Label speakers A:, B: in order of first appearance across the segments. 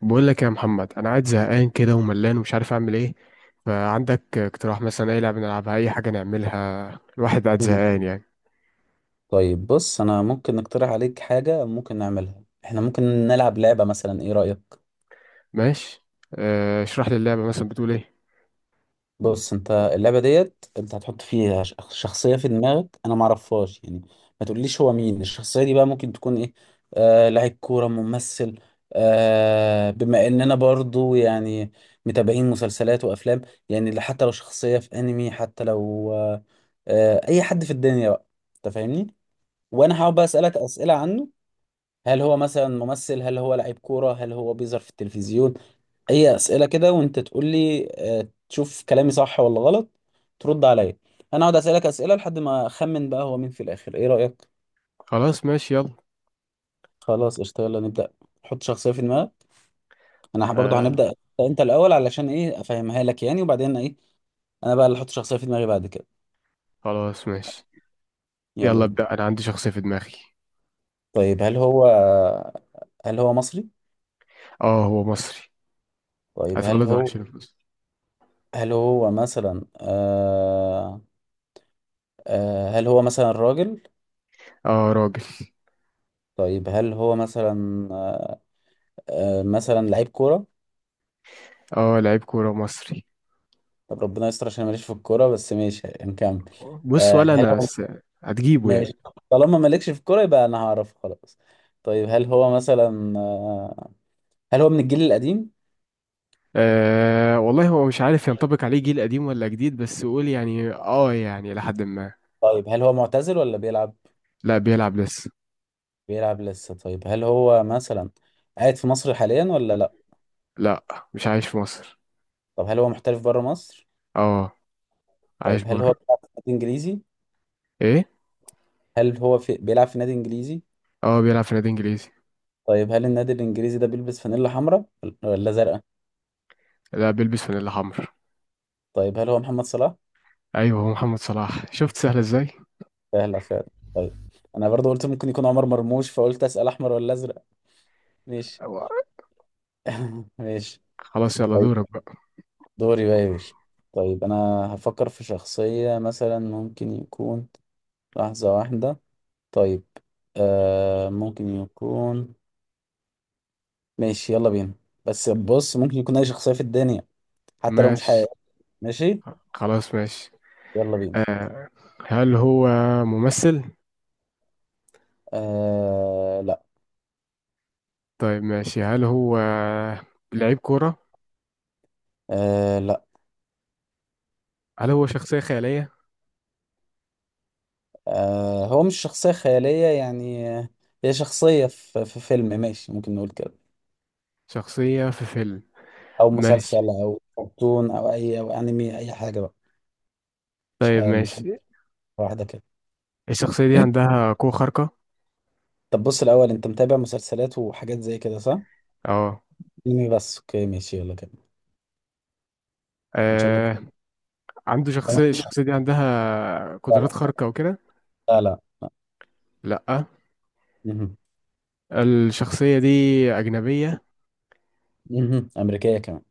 A: بقول لك يا محمد، انا قاعد زهقان كده وملان ومش عارف اعمل ايه. فعندك اقتراح مثلا؟ اي لعبه نلعبها، اي حاجه نعملها. الواحد قاعد
B: مم.
A: زهقان يعني.
B: طيب، بص، انا ممكن اقترح عليك حاجه ممكن نعملها. احنا ممكن نلعب لعبه مثلا، ايه رايك؟
A: ماشي. اشرح لي اللعبه، مثلا بتقول ايه؟
B: بص، انت اللعبه ديت انت هتحط فيها شخصيه في دماغك انا ما اعرفهاش، يعني ما تقوليش هو مين الشخصيه دي. بقى ممكن تكون ايه؟ لاعب كوره، ممثل. بما اننا برضو يعني متابعين مسلسلات وافلام، يعني حتى لو شخصيه في انمي، حتى لو اي حد في الدنيا بقى. انت فاهمني؟ وانا هقعد بقى اسالك اسئله عنه. هل هو مثلا ممثل؟ هل هو لعيب كورة؟ هل هو بيظهر في التلفزيون؟ أي أسئلة كده، وأنت تقول لي آه، تشوف كلامي صح ولا غلط. ترد عليا. أنا أقعد أسألك أسئلة لحد ما أخمن بقى هو مين في الآخر. إيه رأيك؟
A: خلاص ماشي يلا.
B: خلاص، قشطة، يلا نبدأ. حط شخصية في دماغك. أنا برضه
A: آه.
B: هنبدأ أنت الأول، علشان إيه؟ أفهمها لك يعني، وبعدين إيه، أنا بقى اللي أحط شخصية في دماغي بعد كده.
A: خلاص ماشي،
B: يلا
A: يلا
B: بينا.
A: ابدا، انا عندي شخصيه في دماغي.
B: طيب، هل هو مصري؟
A: اه هو مصري.
B: طيب، هل
A: اتولد وعايش
B: هو
A: في مصر.
B: هل هو مثلا آه آه هل هو مثلا راجل؟
A: اه راجل.
B: طيب، هل هو مثلا آه، آه، مثلا لعيب كورة.
A: اه لعيب كوره مصري.
B: طب ربنا يستر عشان ماليش في الكورة، بس ماشي، نكمل.
A: بص،
B: هل هو
A: هتجيبه يعني؟
B: ماشي. طالما مالكش في الكورة يبقى انا هعرف خلاص. طيب، هل هو من الجيل القديم؟
A: والله هو مش عارف ينطبق عليه جيل قديم ولا جديد، بس قول يعني، يعني لحد ما.
B: طيب، هل هو معتزل ولا بيلعب؟
A: لا بيلعب لسه.
B: بيلعب لسه. طيب، هل هو مثلا قاعد في مصر حاليا ولا لا؟
A: لا مش عايش في مصر.
B: طب هل هو محترف بره مصر؟
A: اه
B: طيب،
A: عايش
B: هل هو
A: بره.
B: بيلعب في نادي انجليزي؟
A: ايه؟
B: بيلعب في نادي انجليزي؟
A: اه بيلعب في نادي انجليزي.
B: طيب، هل النادي الانجليزي ده بيلبس فانيلا حمراء ولا زرقاء؟
A: لا بيلبس فانيلا حمر.
B: طيب، هل هو محمد صلاح؟
A: ايوه هو محمد صلاح، شفت سهل ازاي.
B: سهلة فعلا. طيب، أنا برضو قلت ممكن يكون عمر مرموش، فقلت أسأل أحمر ولا أزرق. ماشي.
A: أيوة.
B: ماشي.
A: خلاص يلا
B: طيب،
A: دورك بقى.
B: دوري بقى يا باشا. طيب، أنا هفكر في شخصية، مثلا ممكن يكون، لحظة واحدة. طيب، ممكن يكون، ماشي، يلا بينا. بس بص، ممكن يكون أي شخصية في الدنيا، حتى لو مش
A: ماشي.
B: حقيقية. ماشي،
A: خلاص ماشي.
B: يلا بينا.
A: هل هو ممثل؟
B: لا.
A: طيب ماشي، هل هو لعيب كورة؟
B: لا.
A: هل هو شخصية خيالية؟
B: هو مش شخصية خيالية يعني. هي شخصية في فيلم، ماشي، ممكن نقول كده.
A: شخصية في فيلم؟
B: أو مسلسل
A: ماشي.
B: أو كرتون أو أي أو أنمي، أي حاجة بقى.
A: طيب
B: مش حد،
A: ماشي.
B: واحدة كده.
A: الشخصية دي عندها قوة خارقة؟
B: طب بص، الأول، أنت متابع مسلسلات وحاجات زي كده صح؟
A: اه.
B: أنمي بس. أوكي، ماشي، يلا كده. إن شاء الله.
A: آه، عنده شخصية، الشخصية دي عندها
B: لا، لا،
A: قدرات خارقة وكده؟
B: لا، لا.
A: لأ.
B: مهم.
A: الشخصية دي أجنبية
B: مهم. أمريكية كمان.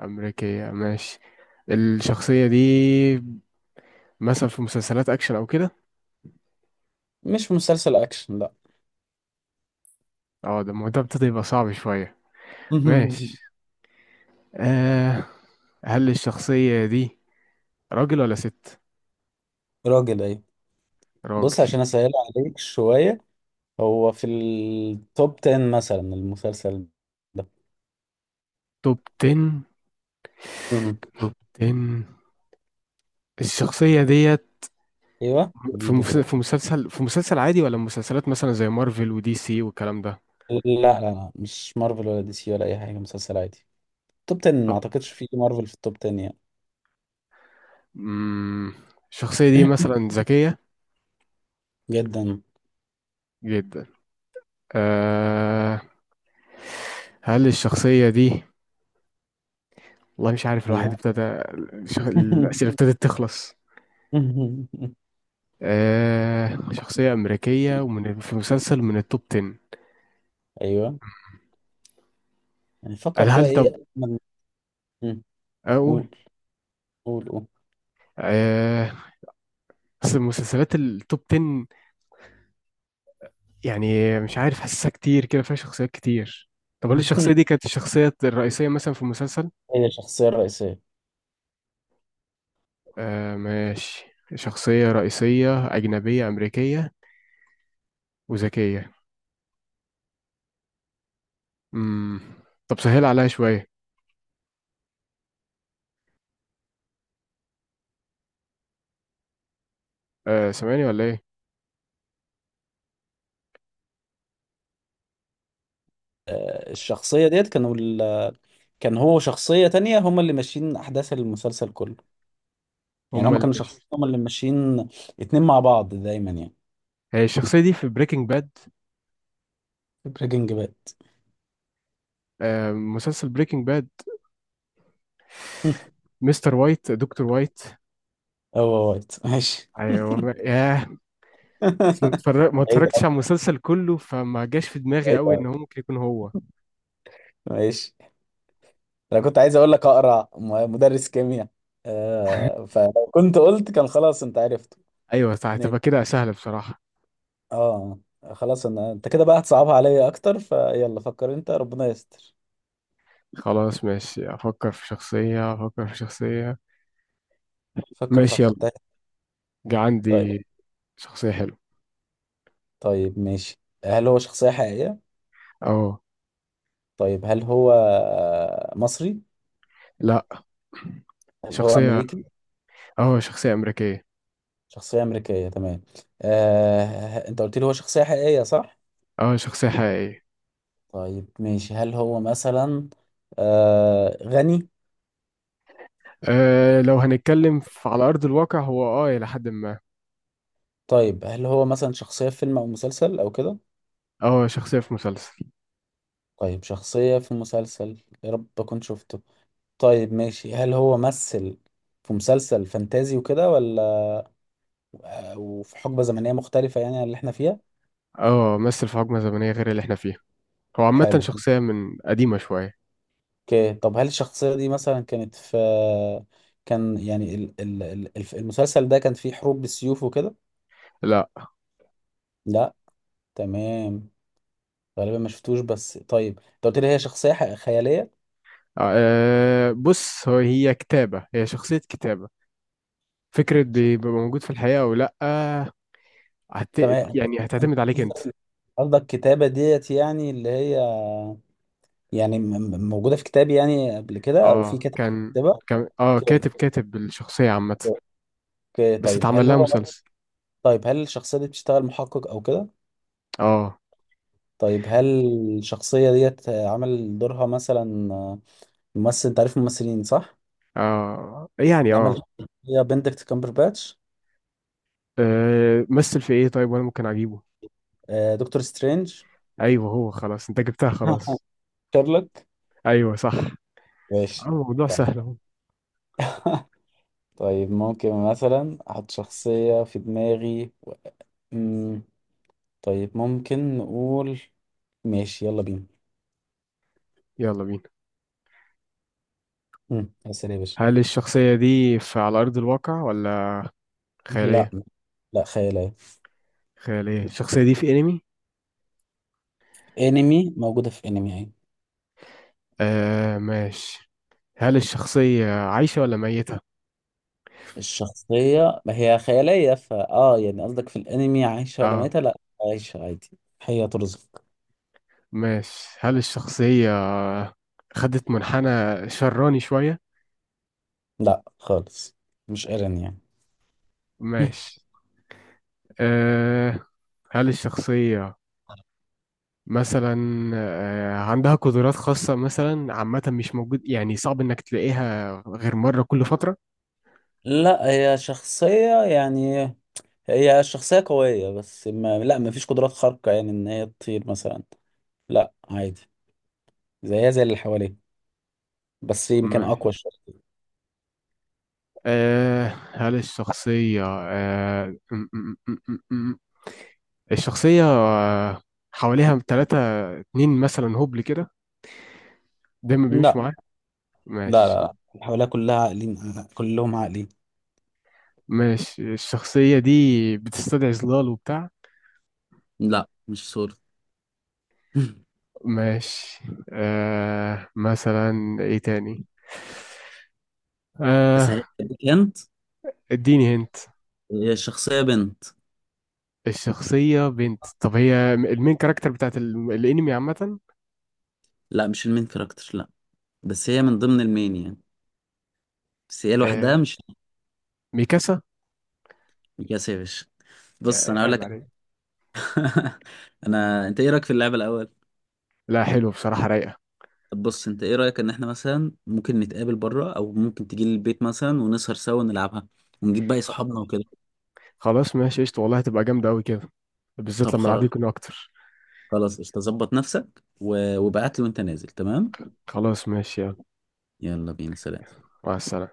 A: أمريكية؟ ماشي. الشخصية دي مثلا في مسلسلات أكشن أو كده؟
B: مش مسلسل أكشن، لا.
A: اه ده الموضوع ابتدى يبقى صعب شوية.
B: مهم.
A: ماشي. آه. هل الشخصية دي راجل ولا ست؟
B: راجل، أيوة.
A: راجل.
B: بص، عشان أسهل عليك شوية، هو في التوب 10 مثلا، المسلسل
A: توب 10.
B: ده.
A: توب 10 الشخصية ديت،
B: ايوه،
A: في
B: جيبه
A: مس- في
B: دلوقتي.
A: مسلسل في مسلسل عادي، ولا مسلسلات مثلا زي مارفل ودي سي والكلام ده؟
B: لا، لا، لا، مش مارفل ولا دي سي ولا اي حاجه، مسلسل عادي. توب 10. ما
A: آه،
B: اعتقدش في مارفل في التوب 10 يعني.
A: مم، الشخصية دي مثلا ذكية
B: جدا.
A: جدا. آه. هل الشخصية دي، والله مش عارف، الواحد
B: ايوه.
A: ابتدى الأسئلة ابتدت تخلص. آه، شخصية أمريكية، ومن في مسلسل من التوب 10.
B: ايوه، يعني
A: هل
B: فكر كده،
A: هل
B: ايه
A: طب
B: أجمل- مم.
A: أقول.
B: قول، قول، قول.
A: آه، بس المسلسلات التوب 10 يعني مش عارف، حاسسها كتير كده فيها شخصيات كتير. طب هل الشخصية دي كانت الشخصية الرئيسية مثلا في المسلسل؟
B: هي الشخصيه الرئيسيه.
A: آه ماشي، شخصية رئيسية أجنبية أمريكية وذكية. مم. طب سهل عليها شوية. آه، سامعني ولا إيه؟
B: الشخصيه ديت كان هو شخصيه تانية، هم اللي ماشيين احداث المسلسل كله. يعني
A: هما
B: هم
A: اللي
B: كانوا
A: مش،
B: شخصيه، هم اللي ماشيين اتنين مع بعض دايما يعني.
A: هي الشخصية دي في بريكنج باد،
B: بريكنج باد.
A: مسلسل بريكنج باد، مستر وايت، دكتور وايت.
B: هو وايت، ماشي.
A: ايوه ياه. بس ما
B: بعيد.
A: اتفرجتش على المسلسل كله، فما جاش في دماغي
B: ماشي يا
A: قوي
B: عم،
A: ان هو ممكن يكون هو.
B: ماشي. انا كنت عايز اقول لك اقرع مدرس كيمياء. فلو كنت قلت كان خلاص انت عرفته.
A: ايوه صح،
B: ماشي.
A: تبقى كده سهلة بصراحة.
B: اه خلاص، انت كده بقى هتصعبها عليا اكتر، فيلا فكر انت، ربنا يستر.
A: خلاص ماشي، افكر في شخصية.
B: فكر في
A: ماشي يلا.
B: فتاة.
A: جا
B: طيب.
A: عندي شخصية حلوة.
B: طيب، ماشي، هل هو شخصية حقيقية؟
A: اه.
B: طيب، هل هو مصري؟
A: لا
B: هل هو
A: شخصية،
B: امريكي؟
A: اه شخصية امريكية.
B: شخصية امريكيه، تمام. انت قلت لي هو شخصية حقيقية صح؟
A: اه شخصية حقيقية.
B: طيب، ماشي، هل هو مثلا غني؟
A: أه لو هنتكلم على ارض الواقع، هو اه الى حد ما.
B: طيب، هل هو مثلا شخصية في فيلم أو مسلسل أو كده؟
A: اه شخصية في مسلسل.
B: طيب، شخصية في مسلسل، يا رب أكون شفته. طيب، ماشي، هل هو مثل في مسلسل فانتازي وكده، ولا أو في حقبة زمنية مختلفة يعني عن اللي احنا فيها؟
A: اه مثل في حقبة زمنية غير اللي احنا فيها، هو عامة
B: حلو.
A: شخصية من قديمة شوية.
B: اوكي. طب هل الشخصية دي مثلا كانت في، كان يعني المسلسل ده كان فيه حروب بالسيوف وكده؟
A: لا.
B: لا، تمام. غالبا ما شفتوش. بس طيب، انت قلت لي هي شخصية خيالية.
A: آه. بص هو هي كتابة، هي شخصية كتابة، فكرة
B: شخ-
A: بيبقى موجود في الحقيقة أو لأ. هت...
B: تمام.
A: يعني
B: انت
A: هتعتمد عليك أنت.
B: قصدك كتابة ديت يعني اللي هي، يعني موجودة في كتاب يعني قبل كده، أو في
A: اه
B: كتاب،
A: كان،
B: كتابة؟
A: كان اه
B: اوكي.
A: كاتب، الشخصية عامة.
B: اوكي،
A: بس
B: طيب،
A: اتعمل
B: هل
A: لها
B: هو
A: مسلسل.
B: طيب، هل الشخصية دي بتشتغل محقق أو كده؟
A: اه.
B: طيب، هل الشخصية ديت عمل دورها مثلا ممثل؟ أنت عارف الممثلين صح؟
A: اه يعني
B: اللي
A: اه
B: عمل، هي بندكت كامبرباتش.
A: آه، مثل في ايه؟ طيب وانا ممكن اجيبه.
B: دكتور سترينج.
A: ايوه هو، خلاص انت جبتها خلاص.
B: شارلوك.
A: ايوه صح. اه
B: ماشي.
A: الموضوع
B: طيب.
A: سهل اهو.
B: طيب، ممكن مثلا أحط شخصية في دماغي. طيب، ممكن نقول. ماشي، يلا بينا.
A: يلا بينا.
B: اسال يا باشا.
A: هل الشخصية دي في على أرض الواقع، ولا
B: لا.
A: خيالية؟
B: لا، خيالية.
A: خيالية. الشخصية دي في أنمي؟
B: انمي، موجودة في انمي يعني.
A: آه ماشي. هل الشخصية عايشة ولا ميتة؟
B: الشخصية ما هي خيالية، فا يعني قصدك في الانمي عايشة ولا
A: اه.
B: ميتة؟ لا، عايشة عادي، هي ترزق.
A: ماشي. هل الشخصية خدت منحنى شراني شوية؟
B: لا، خالص. مش ايرين يعني.
A: ماشي. آه. هل الشخصية مثلا آه عندها قدرات خاصة مثلا، عامة مش موجود يعني، صعب إنك تلاقيها غير مرة كل فترة؟
B: لا، هي شخصية قوية، بس ما فيش قدرات خارقة يعني ان هي تطير مثلا. لا، عادي، زيها زي اللي حواليه، بس يمكن
A: ماشي.
B: اقوى شوية.
A: آه هل الشخصية م- م- م- م- م- الشخصية آه حواليها تلاتة، اتنين مثلا هبل كده دايما
B: لا،
A: بيمشوا معاك؟
B: لا،
A: ماشي.
B: لا، اللي حواليها كلها عاقلين، كلهم عاقلين.
A: ماشي. الشخصية دي بتستدعي ظلال وبتاع؟
B: لا، مش سوري.
A: ماشي. آه مثلا ايه تاني. آه.
B: اسهل لك انت،
A: اديني هنت.
B: هي الشخصية بنت.
A: الشخصية بنت؟ طب هي المين كاركتر بتاعت الانمي عامة؟
B: لا، مش المين كاركتر، لا، بس هي من ضمن المين يعني، بس هي لوحدها
A: آه،
B: مش.
A: ميكاسا.
B: مكاسة يا باشا. بص
A: يعني
B: انا اقول
A: عيب
B: لك.
A: عليك.
B: انت ايه رايك في اللعبة الاول؟
A: لا حلو بصراحة، رايقة.
B: طب بص، انت ايه رايك ان احنا مثلا ممكن نتقابل بره، او ممكن تيجي لي البيت مثلا ونسهر سوا ونلعبها ونجيب باقي صحابنا وكده.
A: خلاص ماشي قشطة، والله هتبقى جامدة أوي كده، بالذات
B: طب
A: لما العدد
B: خلاص،
A: يكون أكتر.
B: خلاص قشطة، ظبط نفسك وابعت لي وانت نازل، تمام.
A: خلاص ماشي يلا.
B: يلا بينا، سلام.
A: مع السلامة.